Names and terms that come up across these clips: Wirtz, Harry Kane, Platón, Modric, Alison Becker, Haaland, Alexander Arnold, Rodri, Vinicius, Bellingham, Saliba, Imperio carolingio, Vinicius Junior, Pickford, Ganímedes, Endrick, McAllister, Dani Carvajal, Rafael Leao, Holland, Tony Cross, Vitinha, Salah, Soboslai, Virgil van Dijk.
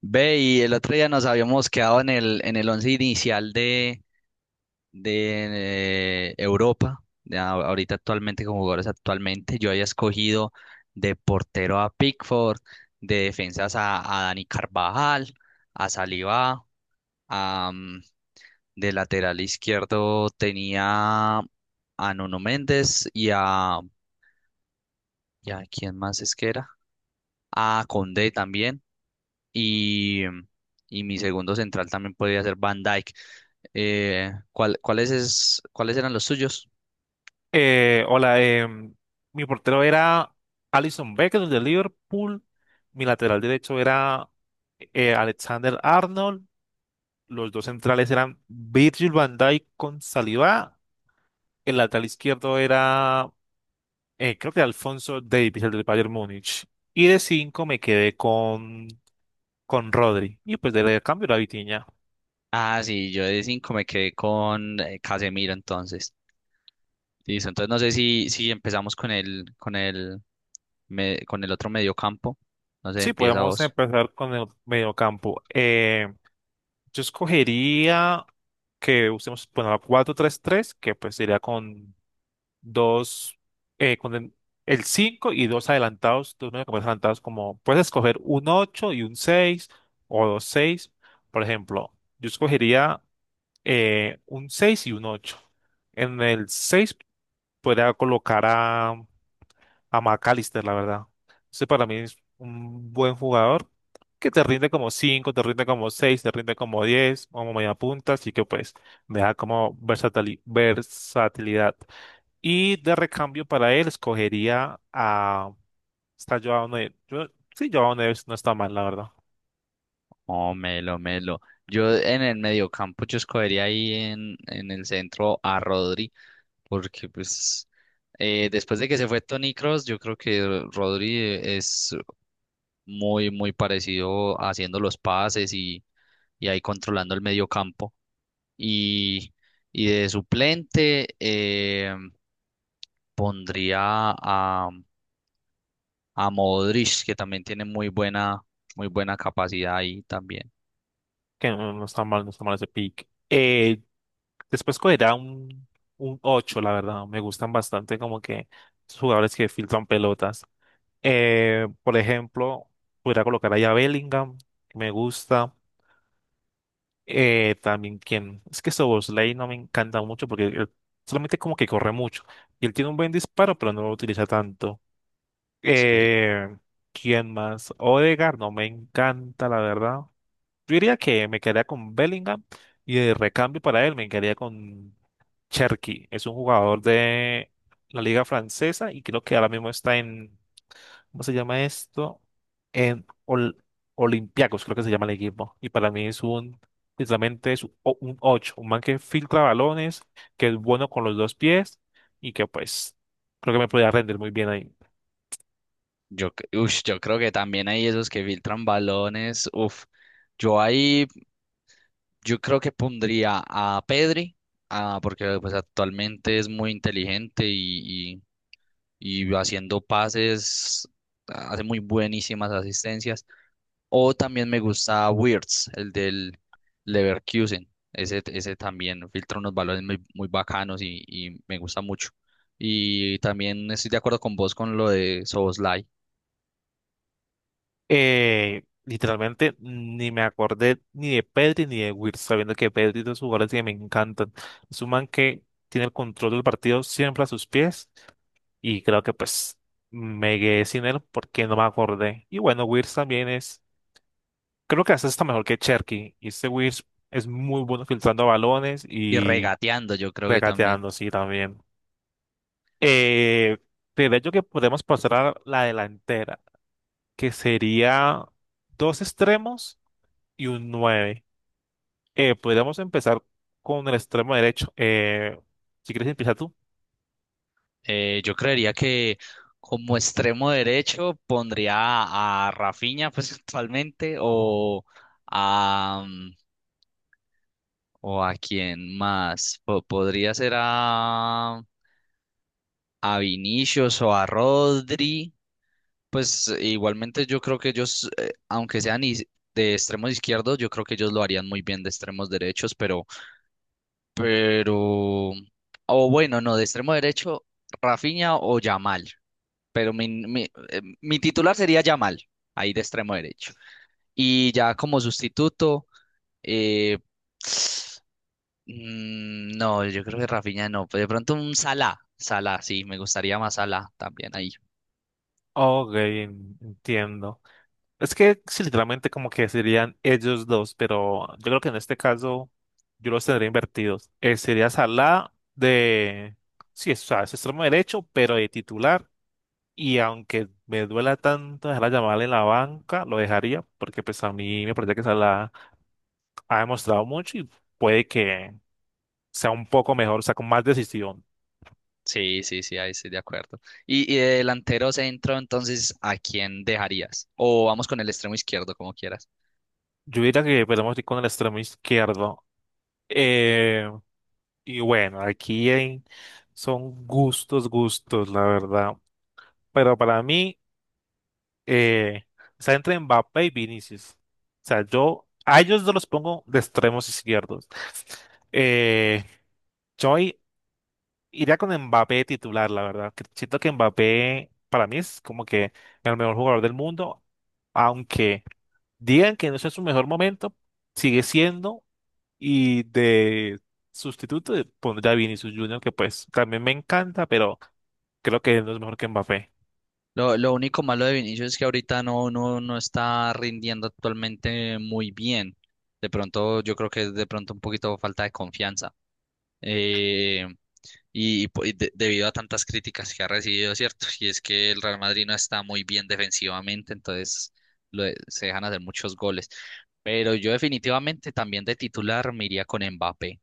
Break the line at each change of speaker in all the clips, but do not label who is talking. Ve, y el otro día nos habíamos quedado en el once inicial de Europa, de ahorita actualmente, con jugadores actualmente, yo había escogido de portero a Pickford, de defensas a Dani Carvajal, a Saliba, a, mm, de lateral izquierdo tenía a Nuno Méndez y a, ¿quién más es que era? A Condé también. y, y mi segundo central también podría ser Van Dijk. ¿ cuáles eran los suyos?
Hola, mi portero era Alison Becker de Liverpool, mi lateral derecho era Alexander Arnold, los dos centrales eran Virgil van Dijk con Saliba, el lateral izquierdo era creo que Alfonso Davies, el del Bayern Múnich, y de cinco me quedé con Rodri, y pues de cambio la Vitinha.
Ah, sí, yo de cinco me quedé con Casemiro entonces. Listo, entonces no sé si empezamos con el otro mediocampo. No sé,
Sí,
empieza
podemos
vos.
empezar con el mediocampo. Yo escogería que usemos, bueno, la 4 tres 3, que pues sería con dos, con el 5 y dos adelantados, dos mediocampistas adelantados, como puedes escoger un 8 y un seis, o dos seis. Por ejemplo, yo escogería un 6 y un ocho. En el 6 podría colocar a McAllister, la verdad. Ese para mí es un buen jugador que te rinde como cinco, te rinde como seis, te rinde como 10, como media punta, así que pues me da como versatilidad. Y de recambio para él escogería a... Está Joao Neves. Sí, Joao Neves no está mal, la verdad.
Oh, Melo, Melo. Yo en el mediocampo yo escogería ahí en el centro a Rodrigo porque pues después de que se fue Tony Cross yo creo que Rodri es muy, muy parecido haciendo los pases y ahí controlando el medio campo. Y, y de suplente pondría a, a Modric, que también tiene muy buena capacidad ahí también.
Que no, no está mal, no está mal ese pick. Después escogería un 8, la verdad. Me gustan bastante como que los jugadores que filtran pelotas. Por ejemplo, podría colocar ahí a Bellingham, que me gusta. También quien, es que Soboslay no me encanta mucho porque él solamente como que corre mucho. Y él tiene un buen disparo, pero no lo utiliza tanto.
Sí,
Eh, ¿Quién más? Odegaard no me encanta, la verdad. Yo diría que me quedaría con Bellingham y de recambio para él me quedaría con Cherki. Es un jugador de la liga francesa y creo que ahora mismo está en ¿cómo se llama esto? En Olympiacos, creo que se llama el equipo. Y para mí es un, literalmente es un 8, un man que filtra balones, que es bueno con los dos pies y que pues creo que me podría rendir muy bien ahí.
yo creo que también hay esos que filtran balones. Uf, yo ahí. Yo creo que pondría a Pedri, ah, porque pues actualmente es muy inteligente y haciendo pases ah, hace muy buenísimas asistencias. O también me gusta Wirtz, el del Leverkusen. Ese también filtra unos balones muy, muy bacanos y me gusta mucho. Y también estoy de acuerdo con vos con lo de Soboslai.
Literalmente ni me acordé ni de Pedri ni de Wirtz, sabiendo que Pedri es de los jugadores que me encantan. Es un man que tiene el control del partido siempre a sus pies y creo que pues me quedé sin él porque no me acordé. Y bueno, Wirtz también es. Creo que hasta está mejor que Cherky. Y este Wiz es muy bueno filtrando balones
Y
y
regateando, yo creo que también.
regateando, sí, también. Eh, de hecho que podemos pasar a la delantera, que sería dos extremos y un nueve. Podríamos empezar con el extremo derecho. Si quieres empezar tú.
Yo creería que como extremo derecho pondría a Rafinha, pues actualmente, a, mm, o a quién más. Podría ser a Vinicius o a Rodri. Pues igualmente yo creo que ellos, aunque sean de extremos izquierdos, yo creo que ellos lo harían muy bien de extremos derechos, pero, o bueno, no, de extremo derecho, Rafinha o Yamal. Pero mi titular sería Yamal, ahí de extremo derecho. Y ya como sustituto, eh, no, yo creo que Rafinha no, pero de pronto un Salah, Salah, sí, me gustaría más Salah también ahí.
Ok, entiendo. Es que sí, literalmente como que serían ellos dos, pero yo creo que en este caso yo los tendría invertidos. Sería Salah de, sí, es, o sea, es extremo derecho, pero de titular. Y aunque me duela tanto dejar a Yamal en la banca, lo dejaría, porque pues a mí me parece que Salah ha demostrado mucho y puede que sea un poco mejor, o sea, con más decisión.
Sí, sí, sí, ahí estoy de acuerdo. Y de delantero centro, entonces, ¿a quién dejarías? O vamos con el extremo izquierdo, como quieras.
Yo diría que podemos ir con el extremo izquierdo. Eh, Y bueno, son gustos, gustos, la verdad. Pero para mí, eh, está entre Mbappé y Vinicius. O sea, yo a ellos no los pongo de extremos izquierdos. Eh, yo i- iría con Mbappé titular, la verdad. Que Siento que Mbappé para mí es como que el mejor jugador del mundo, aunque digan que no es su mejor momento, sigue siendo. Y de sustituto pondría a Vinicius Junior, que pues también me encanta, pero creo que no es mejor que Mbappé.
Lo único malo de Vinicius es que ahorita no está rindiendo actualmente muy bien. De pronto, yo creo que es de pronto un poquito falta de confianza. Eh, y debido a tantas críticas que ha recibido, ¿cierto? Y es que el Real Madrid no está muy bien defensivamente, entonces se dejan hacer muchos goles. Pero yo definitivamente también de titular me iría con Mbappé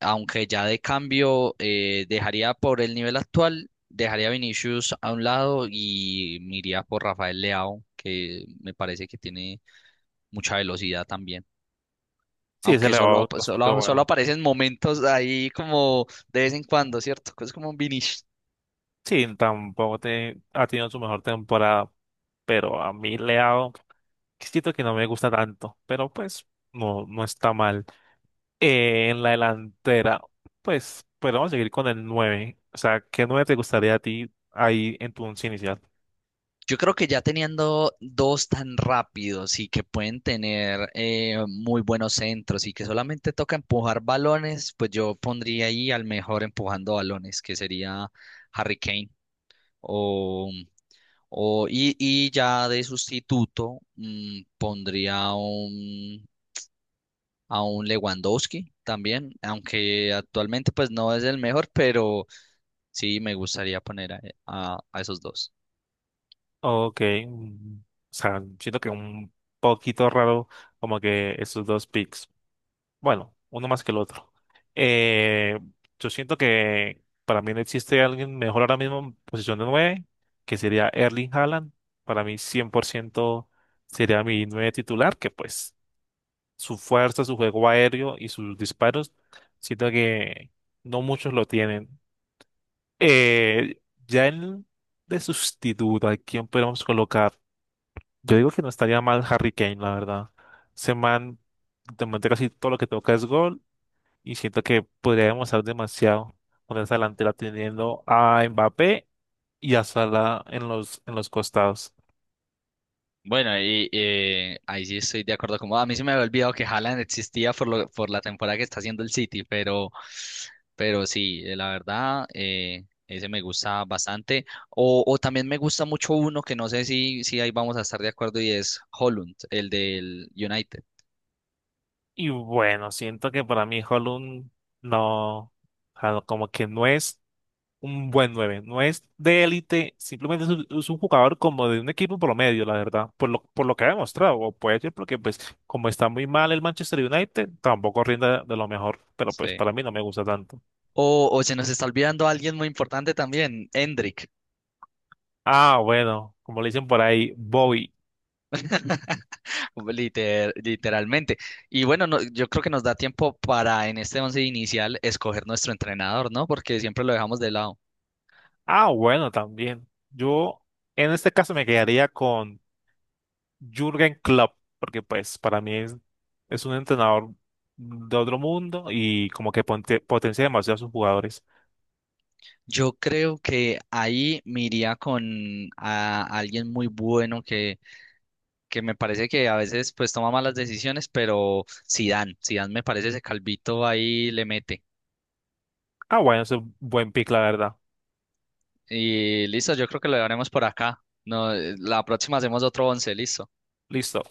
aunque ya de cambio dejaría por el nivel actual, dejaría a Vinicius a un lado y me iría por Rafael Leao, que me parece que tiene mucha velocidad también.
Sí, se
Aunque
le
solo,
va bastante
solo, solo
bueno.
aparecen momentos ahí como de vez en cuando, ¿cierto? Es como un Vinicius.
Sí, tampoco te- ha tenido su mejor temporada, pero a mí le ha dado. Siento que no me gusta tanto, pero pues no, no está mal. En la delantera, pues, pero vamos a seguir con el nueve. O sea, ¿qué 9 te gustaría a ti ahí en tu 11 inicial?
Yo creo que ya teniendo dos tan rápidos y que pueden tener muy buenos centros y que solamente toca empujar balones, pues yo pondría ahí al mejor empujando balones, que sería Harry Kane. O, y ya de sustituto pondría a un Lewandowski también, aunque actualmente pues no es el mejor, pero sí me gustaría poner a esos dos.
Ok, o sea, siento que un poquito raro como que esos dos picks. Bueno, uno más que el otro. Eh, yo siento que para mí no existe alguien mejor ahora mismo en posición de 9, que sería Erling Haaland. Para mí 100% sería mi 9 titular, que pues su fuerza, su juego aéreo y sus disparos, siento que no muchos lo tienen. Eh, ya en de sustituto, ¿a quién podemos colocar? Yo digo que no estaría mal Harry Kane, la verdad. Ese man, de momento casi todo lo que toca es gol y siento que podría demostrar demasiado con esa delantera teniendo a Mbappé y a Salah en en los costados.
Bueno, y ahí sí estoy de acuerdo. Como a mí se me había olvidado que Haaland existía por la temporada que está haciendo el City, pero, sí, la verdad, ese me gusta bastante. O también me gusta mucho uno que no sé si ahí vamos a estar de acuerdo y es Holland, el del United.
Y bueno, siento que para mí Holland no, o sea, no, como que no es un buen nueve. No es de élite, simplemente es es un jugador como de un equipo promedio, la verdad, por lo que ha demostrado. O puede ser porque, pues, como está muy mal el Manchester United, tampoco rinde de lo mejor, pero pues
Sí.
para mí no me gusta tanto.
O se nos está olvidando alguien muy importante también, Endrick.
Ah, bueno, como le dicen por ahí, Bobby.
Literalmente. Y bueno, yo creo que nos da tiempo para en este once inicial escoger nuestro entrenador, ¿no? Porque siempre lo dejamos de lado.
Ah, bueno, también. Yo en este caso me quedaría con Jürgen Klopp, porque pues para mí es un entrenador de otro mundo y como que potencia demasiado a sus jugadores.
Yo creo que ahí me iría con a alguien muy bueno que me parece que a veces pues toma malas decisiones, pero Zidane, Zidane me parece ese calvito ahí le mete.
Ah, bueno, es un buen pick, la verdad.
Y listo, yo creo que lo haremos por acá. No, la próxima hacemos otro once, listo.
Listo.